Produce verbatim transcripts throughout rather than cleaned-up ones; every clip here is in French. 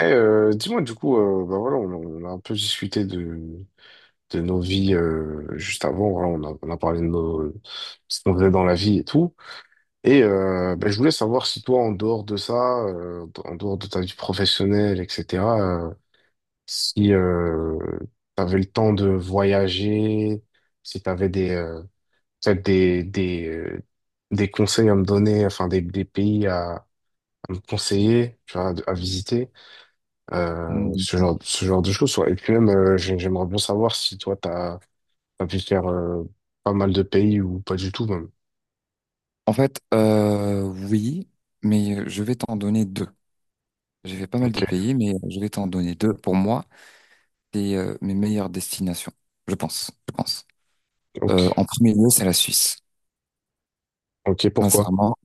Eh, euh, dis-moi, du coup, euh, bah voilà, on, a on a un peu discuté de, de nos vies euh, juste avant. Voilà, on a, on a parlé de nos, ce qu'on faisait dans la vie et tout. Et euh, bah, je voulais savoir si toi, en dehors de ça, euh, en dehors de ta vie professionnelle, et cetera, euh, si euh, tu avais le temps de voyager, si tu avais des, euh, peut-être des, des, euh, des conseils à me donner, enfin des, des pays à, à me conseiller, tu vois, à visiter. euh, Mm. ce genre, ce genre de choses. Ouais. Et puis même, euh, j'ai- j'aimerais bien savoir si toi, t'as, t'as pu faire euh, pas mal de pays ou pas du tout même. En fait, euh, oui, mais je vais t'en donner deux. J'ai fait pas mal de Ok, pays, mais je vais t'en donner deux. Pour moi, c'est euh, mes meilleures destinations, je pense, je pense. ok. Euh, en premier lieu, c'est la Suisse. Ok, pourquoi? Sincèrement,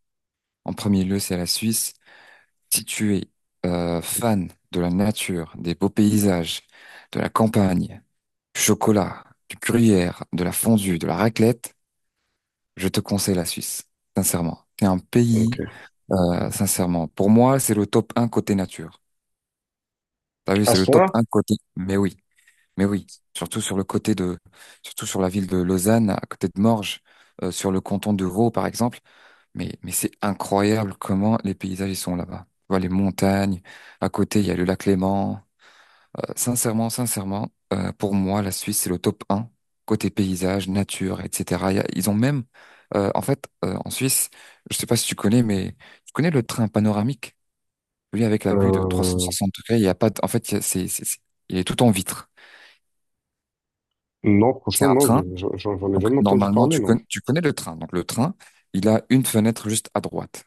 en premier lieu, c'est la Suisse. Si tu es euh, fan de la nature, des beaux paysages, de la campagne, du chocolat, du gruyère, de la fondue, de la raclette, je te conseille la Suisse, sincèrement. C'est un pays, Ok. euh, sincèrement. Pour moi, c'est le top un côté nature. T'as vu, À c'est ce le top point-là, un côté. Mais oui, mais oui. Surtout sur le côté de, surtout sur la ville de Lausanne, à côté de Morges, euh, sur le canton de Vaud, par exemple. Mais, mais c'est incroyable comment les paysages ils sont là-bas. Tu vois, les montagnes. À côté, il y a le lac Léman. Euh, sincèrement, sincèrement, euh, pour moi, la Suisse, c'est le top un côté paysage, nature, et cetera. Il y a- Ils ont même, euh, en fait, euh, en Suisse, je sais pas si tu connais, mais tu connais le train panoramique? Lui, avec la vue de trois cent euh, soixante degrés, il y a pas de- en fait, il y a- c'est, c'est- c'est- il est tout en vitre. non, C'est franchement, un non, train. je- je- j'en j'en ai Donc, jamais entendu normalement, parler, tu non. connais, tu connais le train. Donc, le train, il a une fenêtre juste à droite.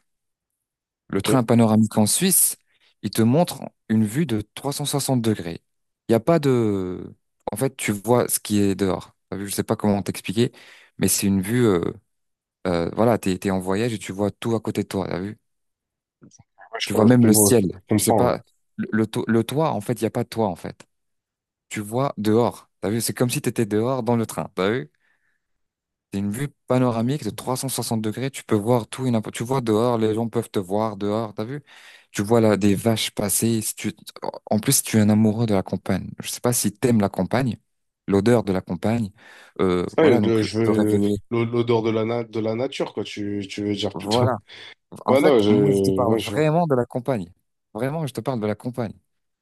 Le Ok. train Ouais, panoramique en Suisse, il te montre une vue de trois cent soixante degrés. Il n'y a pas de... En fait, tu vois ce qui est dehors. T'as vu? Je sais pas comment t'expliquer, mais c'est une vue, euh, euh, voilà, t'es, t'es en voyage et tu vois tout à côté de toi, t'as vu? je, je Tu vois même le comprends, je ciel. Je sais comprends, ouais. pas. Le, le to- le toit, en fait, il n'y a pas de toit, en fait. Tu vois dehors. T'as vu? C'est comme si t'étais dehors dans le train. T'as vu? C'est une vue panoramique de trois cent soixante degrés. Tu peux voir tout et n'importe. Tu vois dehors, les gens peuvent te voir dehors. T'as vu? Tu vois là des vaches passer. Si tu... En plus, si tu es un amoureux de la campagne. Je sais pas si t'aimes la campagne, l'odeur de la campagne. Euh, Ah, Voilà, donc le- je te veux réveiller. l'o- l'odeur de la, na- de la nature, quoi, tu, tu veux dire plutôt. Voilà. En Ouais, non, fait, je, moi, je te parle ouais, je vois. vraiment de la campagne. Vraiment, je te parle de la campagne.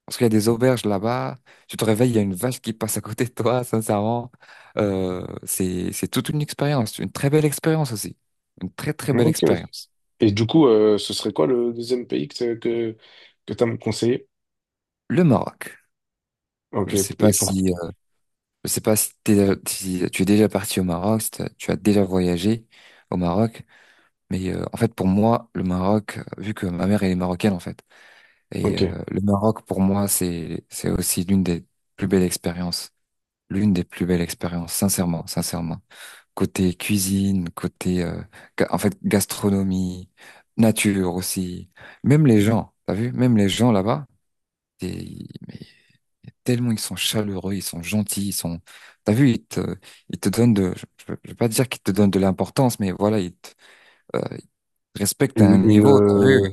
Parce qu'il y a des auberges là-bas. Tu te réveilles, il y a une vache qui passe à côté de toi, sincèrement. Euh, c'est, c'est toute une expérience, une très belle expérience aussi. Une très, très belle Ok, ok. expérience. Et du coup, euh, ce serait quoi le deuxième pays que, que, que tu as me conseillé? Le Maroc. Ok, Je sais pas et pour... si, euh, je sais pas si, t'es- si tu es déjà parti au Maroc, si t'as- tu as déjà voyagé au Maroc. Mais euh, en fait, pour moi, le Maroc, vu que ma mère, elle est marocaine, en fait. Et euh, Ok. le Maroc, pour moi, c'est c'est aussi l'une des plus belles expériences, l'une des plus belles expériences, sincèrement, sincèrement. Côté cuisine, côté euh, ga- en fait gastronomie, nature aussi, même les gens, t'as vu, même les gens là-bas, c'est- mais tellement ils sont chaleureux, ils sont gentils, ils sont, t'as vu, ils te ils te donnent de, je, je je vais pas dire qu'ils te donnent de l'importance, mais voilà, ils te, euh, ils te respectent à un Une, une, niveau, t'as vu, euh,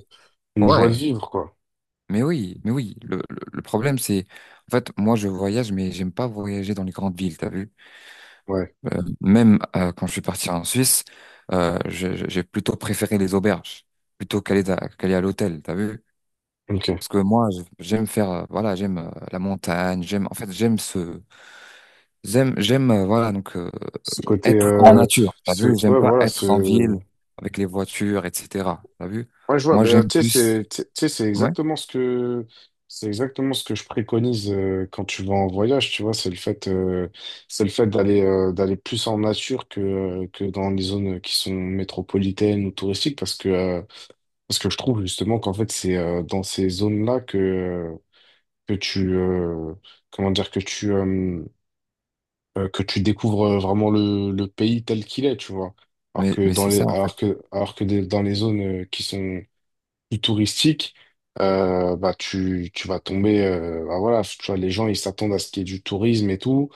une joie de ouais. vivre, quoi. Mais oui, mais oui, le, le- le problème c'est, en fait, moi je voyage, mais j'aime pas voyager dans les grandes villes, t'as vu? Ouais, Euh, même euh, quand je suis parti en Suisse, euh, je- je- j'ai plutôt préféré les auberges, plutôt qu'aller d'a- qu'aller à l'hôtel, t'as vu? ok. Parce que moi, je- j'aime faire, euh, voilà, j'aime euh, la montagne, j'aime, en fait, j'aime ce, j'aime, j'aime, euh, voilà, donc euh, Ce côté... être en euh, nature, t'as ce... vu? J'aime Ouais, pas voilà, être en ville ce... avec les voitures, et cetera. T'as vu? Ouais, je vois, Moi, ben, j'aime tu sais, plus. c'est tu sais, tu sais, c'est Ouais. exactement ce que... C'est exactement ce que je préconise euh, quand tu vas en voyage, tu vois, c'est le fait, euh, c'est le fait d'aller euh, d'aller plus en nature que, euh, que dans les zones qui sont métropolitaines ou touristiques, parce que, euh, parce que je trouve justement qu'en fait, c'est euh, dans ces zones-là que, euh, que tu, euh, comment dire, que tu, euh, euh, que tu découvres euh, vraiment le, le pays tel qu'il est, tu vois. Alors Mais, que mais dans c'est les, ça, en fait. alors que, alors que des- dans les zones euh, qui sont plus touristiques, euh, bah tu, tu vas tomber, euh, bah voilà, tu vois, les gens ils s'attendent à ce qu'il y ait du tourisme et tout,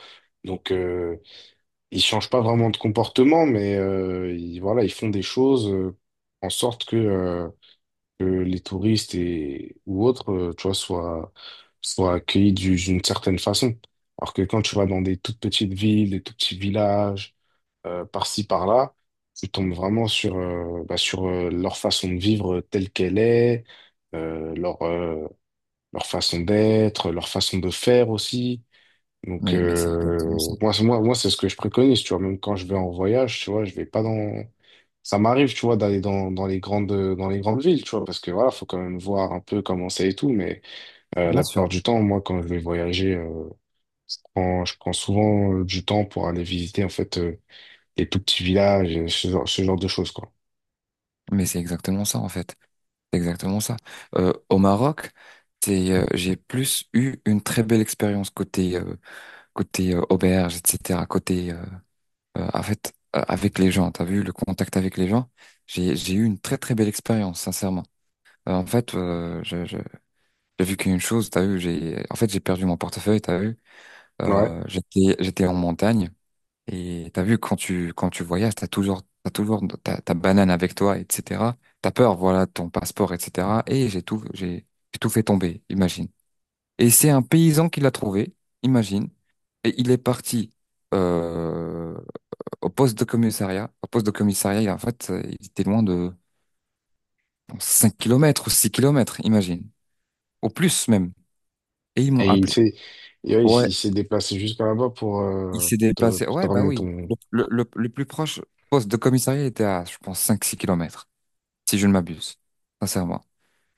donc euh, ils changent pas vraiment de comportement, mais euh, ils, voilà, ils font des choses euh, en sorte que euh, que les touristes et ou autres, euh, tu vois, soient, soient accueillis du- d'une certaine façon. Alors que quand tu vas dans des toutes petites villes, des tout petits villages, euh, par-ci, par-là, tu tombes vraiment sur, euh, bah, sur euh, leur façon de vivre euh, telle qu'elle est, euh, leur, euh, leur façon d'être, leur façon de faire aussi. Donc, Mais, mais c'est exactement ça. euh, moi, c'est- moi, moi, c'est ce que je préconise, tu vois. Même quand je vais en voyage, tu vois, je vais pas dans. Ça m'arrive, tu vois, d'aller dans, dans les grandes, dans les grandes villes, tu vois, parce que voilà, faut quand même voir un peu comment c'est et tout. Mais euh, Bien la sûr. plupart du temps, moi, quand je vais voyager, euh, je prends, je prends souvent euh, du temps pour aller visiter, en fait, euh, les tout petits villages, euh, ce genre, ce genre de choses, quoi. Mais c'est exactement ça, en fait. C'est exactement ça. Euh, au Maroc, c'est, euh, j'ai plus eu une très belle expérience côté, euh, côté euh, auberge, et cetera. Côté, euh, euh, en fait, euh, avec les gens. T'as vu le contact avec les gens? J'ai, j'ai eu une très, très belle expérience, sincèrement. Euh, en fait, euh, je, je- j'ai vu qu'une chose, t'as vu, j'ai, en fait, j'ai perdu mon portefeuille, t'as vu? Ouais. Euh, j'étais, j'étais en montagne et t'as vu quand tu quand tu voyages, t'as toujours t'as toujours ta, ta banane avec toi, et cetera. T'as peur, voilà, ton passeport, et cetera. Et j'ai tout j'ai j'ai tout fait tomber, imagine. Et c'est un paysan qui l'a trouvé, imagine. Et il est parti euh, au poste de commissariat. Au poste de commissariat, il- en fait, euh, il était loin de bon, cinq kilomètres ou six kilomètres, imagine. Au plus même. Et ils m'ont Et il appelé. s'est, et ouais, il, s'est il s'est déplacé jusqu'à là-bas pour, Il euh, s'est te, déplacé. pour te Ouais, bah ramener oui. ton. Le, le, le plus proche poste de commissariat était à, je pense, cinq six kilomètres, si je ne m'abuse, sincèrement.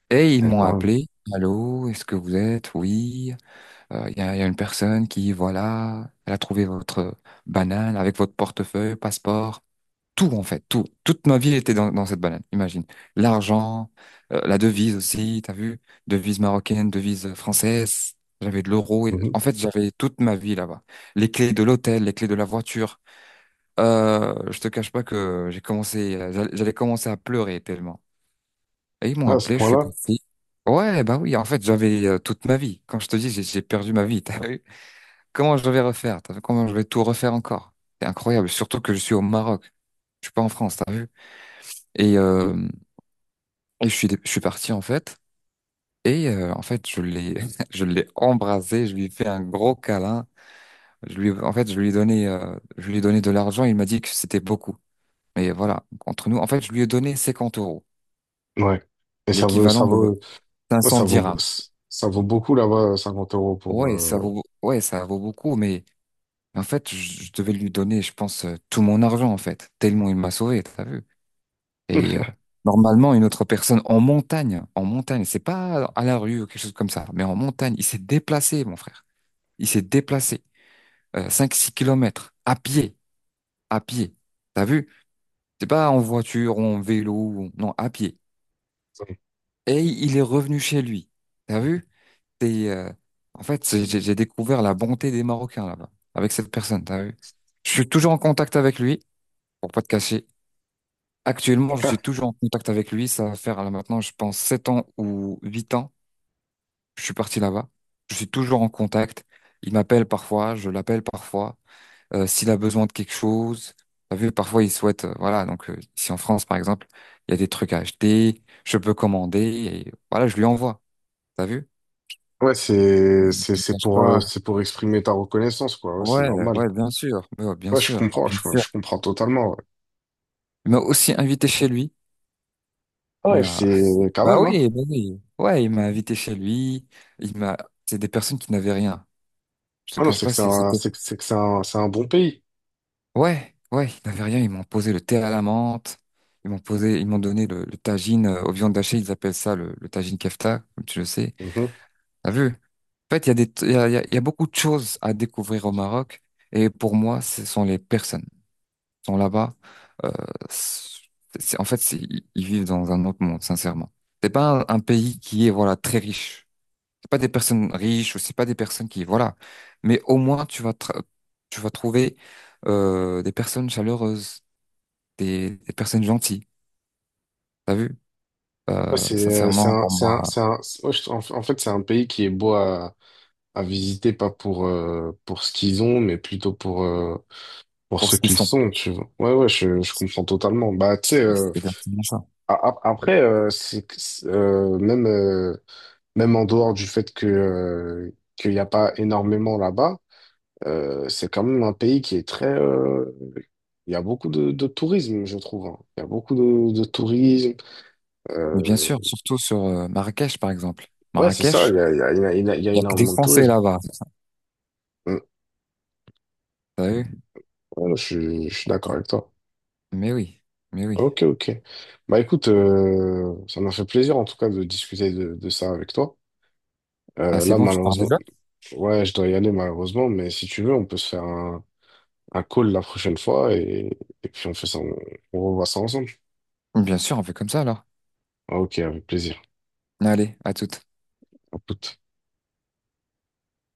Et ils Ouais, m'ont quand même. appelé. Allô, est-ce que vous êtes? Oui. Euh, Il y a, il y a une personne qui, voilà, elle a trouvé votre banane avec votre portefeuille, passeport tout en fait, tout. Toute ma vie était dans, dans cette banane, imagine. L'argent, euh, la devise aussi, t'as vu? Devise marocaine, devise française. J'avais de l'euro. et- Mhm. En fait, j'avais toute ma vie là-bas. Les clés de l'hôtel, les clés de la voiture. Euh, je te cache pas que j'ai commencé, euh, j'allais j'allais commencer à pleurer tellement. Et ils m'ont Ah, à ce appelé, je suis point-là? parti. Ouais, bah oui, en fait, j'avais euh, toute ma vie. Quand je te dis, j'ai j'ai perdu ma vie, t'as vu? Comment je vais refaire? T'as vu? Comment je vais tout refaire encore? C'est incroyable, surtout que je suis au Maroc. Je suis pas en France, t'as vu? Et, euh, et je suis, je suis parti en fait. Et euh, en fait, je l'ai, je l'ai embrassé, je lui ai fait un gros câlin. Je lui, en fait, je lui ai donné, euh, je lui ai donné de l'argent. Il m'a dit que c'était beaucoup. Mais voilà, entre nous, en fait, je lui ai donné cinquante euros, Ouais. Et ça vaut, ça l'équivalent de vaut, cinq ouais, cents ça vaut, dirhams. ça vaut beaucoup là-bas, cinquante euros pour, Ouais, euh, ça vaut, ouais, ça vaut beaucoup. Mais en fait, je, je devais lui donner, je pense, euh, tout mon argent en fait, tellement il m'a sauvé. T'as vu? Et euh, normalement, une autre personne en montagne, en montagne, c'est pas à la rue ou quelque chose comme ça, mais en montagne, il s'est déplacé, mon frère. Il s'est déplacé euh, cinq six kilomètres à pied, à pied. T'as vu? C'est pas en voiture, ou en vélo, ou- non, à pied. Et il est revenu chez lui. T'as vu? C'est, euh, en fait, c'est- j'ai j'ai découvert la bonté des Marocains là-bas, avec cette personne, t'as vu? Je suis toujours en contact avec lui, pour pas te cacher. Actuellement, je suis toujours en contact avec lui. Ça va faire là maintenant, je pense, sept ans ou huit ans. Je suis parti là-bas. Je suis toujours en contact. Il m'appelle parfois, je l'appelle parfois. Euh, s'il a besoin de quelque chose, t'as vu, parfois il souhaite, euh, voilà. Donc euh, ici en France, par exemple, il y a des trucs à acheter, je peux commander et voilà, je lui envoie. T'as vu? Ouais, c'est, Je c'est, te c'est cache pour, euh, pas. c'est pour exprimer ta reconnaissance, quoi. Ouais, c'est Ouais, normal. ouais, bien sûr, mais ouais, bien Ouais, je sûr, comprends, bien je, sûr. je comprends totalement. Il m'a aussi invité chez lui. Ouais, Il ouais, m'a- c'est quand Bah même, hein. oui, bah oui. Ouais, il m'a invité chez lui. Il m'a. C'est des personnes qui n'avaient rien. Je te Ah non, cache c'est que pas, c'est c'est- un, c'était. c'est que c'est que c'est un, c'est un bon pays. Ouais, ouais, ils n'avaient rien. Ils m'ont posé le thé à la menthe. Ils m'ont posé, ils m'ont donné le, le tagine euh, aux viandes hachées. Ils appellent ça le, le tagine kefta, comme tu le sais. Mhm. T'as vu? En fait, il y a des, il y a, il y a il y a beaucoup de choses à découvrir au Maroc. Et pour moi, ce sont les personnes. Ils sont là-bas. euh, c'est- c'est- en fait, c'est- ils ils vivent dans un autre monde, sincèrement. C'est pas un, un pays qui est, voilà, très riche. C'est pas des personnes riches ou c'est pas des personnes qui, voilà. Mais au moins, tu vas, tra- tu vas trouver euh, des personnes chaleureuses, des, des personnes gentilles, t'as vu? Ouais, Euh, c'est euh, c'est Sincèrement, un, pour c'est un, moi, c'est un- c'est- ouais, je- en, en fait, c'est un pays qui est beau à, à visiter, pas pour, euh, pour ce qu'ils ont, mais plutôt pour, euh, pour pour ce ce qu'ils qu'ils sont. sont, tu vois. Ouais, ouais, je, je comprends totalement. Bah, tu sais, euh, C'est exactement ça. a- a- après, euh, c'est, c'est, euh, même, euh, même en dehors du fait que, euh, qu'il n'y a pas énormément là-bas, euh, c'est quand même un pays qui est très... euh, il y a beaucoup de, de tourisme, je trouve, hein. Il y a beaucoup de, de tourisme. Mais bien Euh, sûr, surtout sur euh, Marrakech, par exemple. ouais, c'est ça, Marrakech, il y a, il y a, il y a il y a il n'y a que des énormément de Français tourisme. là-bas, Mm. t'as vu? Voilà, je, suis je suis d'accord avec toi. Mais oui, mais oui. Ok, ok. Bah écoute, euh, ça m'a fait plaisir en tout cas de discuter de, de ça avec toi. Ah, Euh, c'est là, bon, tu pars malheureusement, déjà? ouais, je dois y aller malheureusement, mais si tu veux, on peut se faire un, un call la prochaine fois et, et puis on fait ça, on, on revoit ça ensemble. Bien sûr, on fait comme ça alors. Ok, avec plaisir. Allez, à toute. À toute.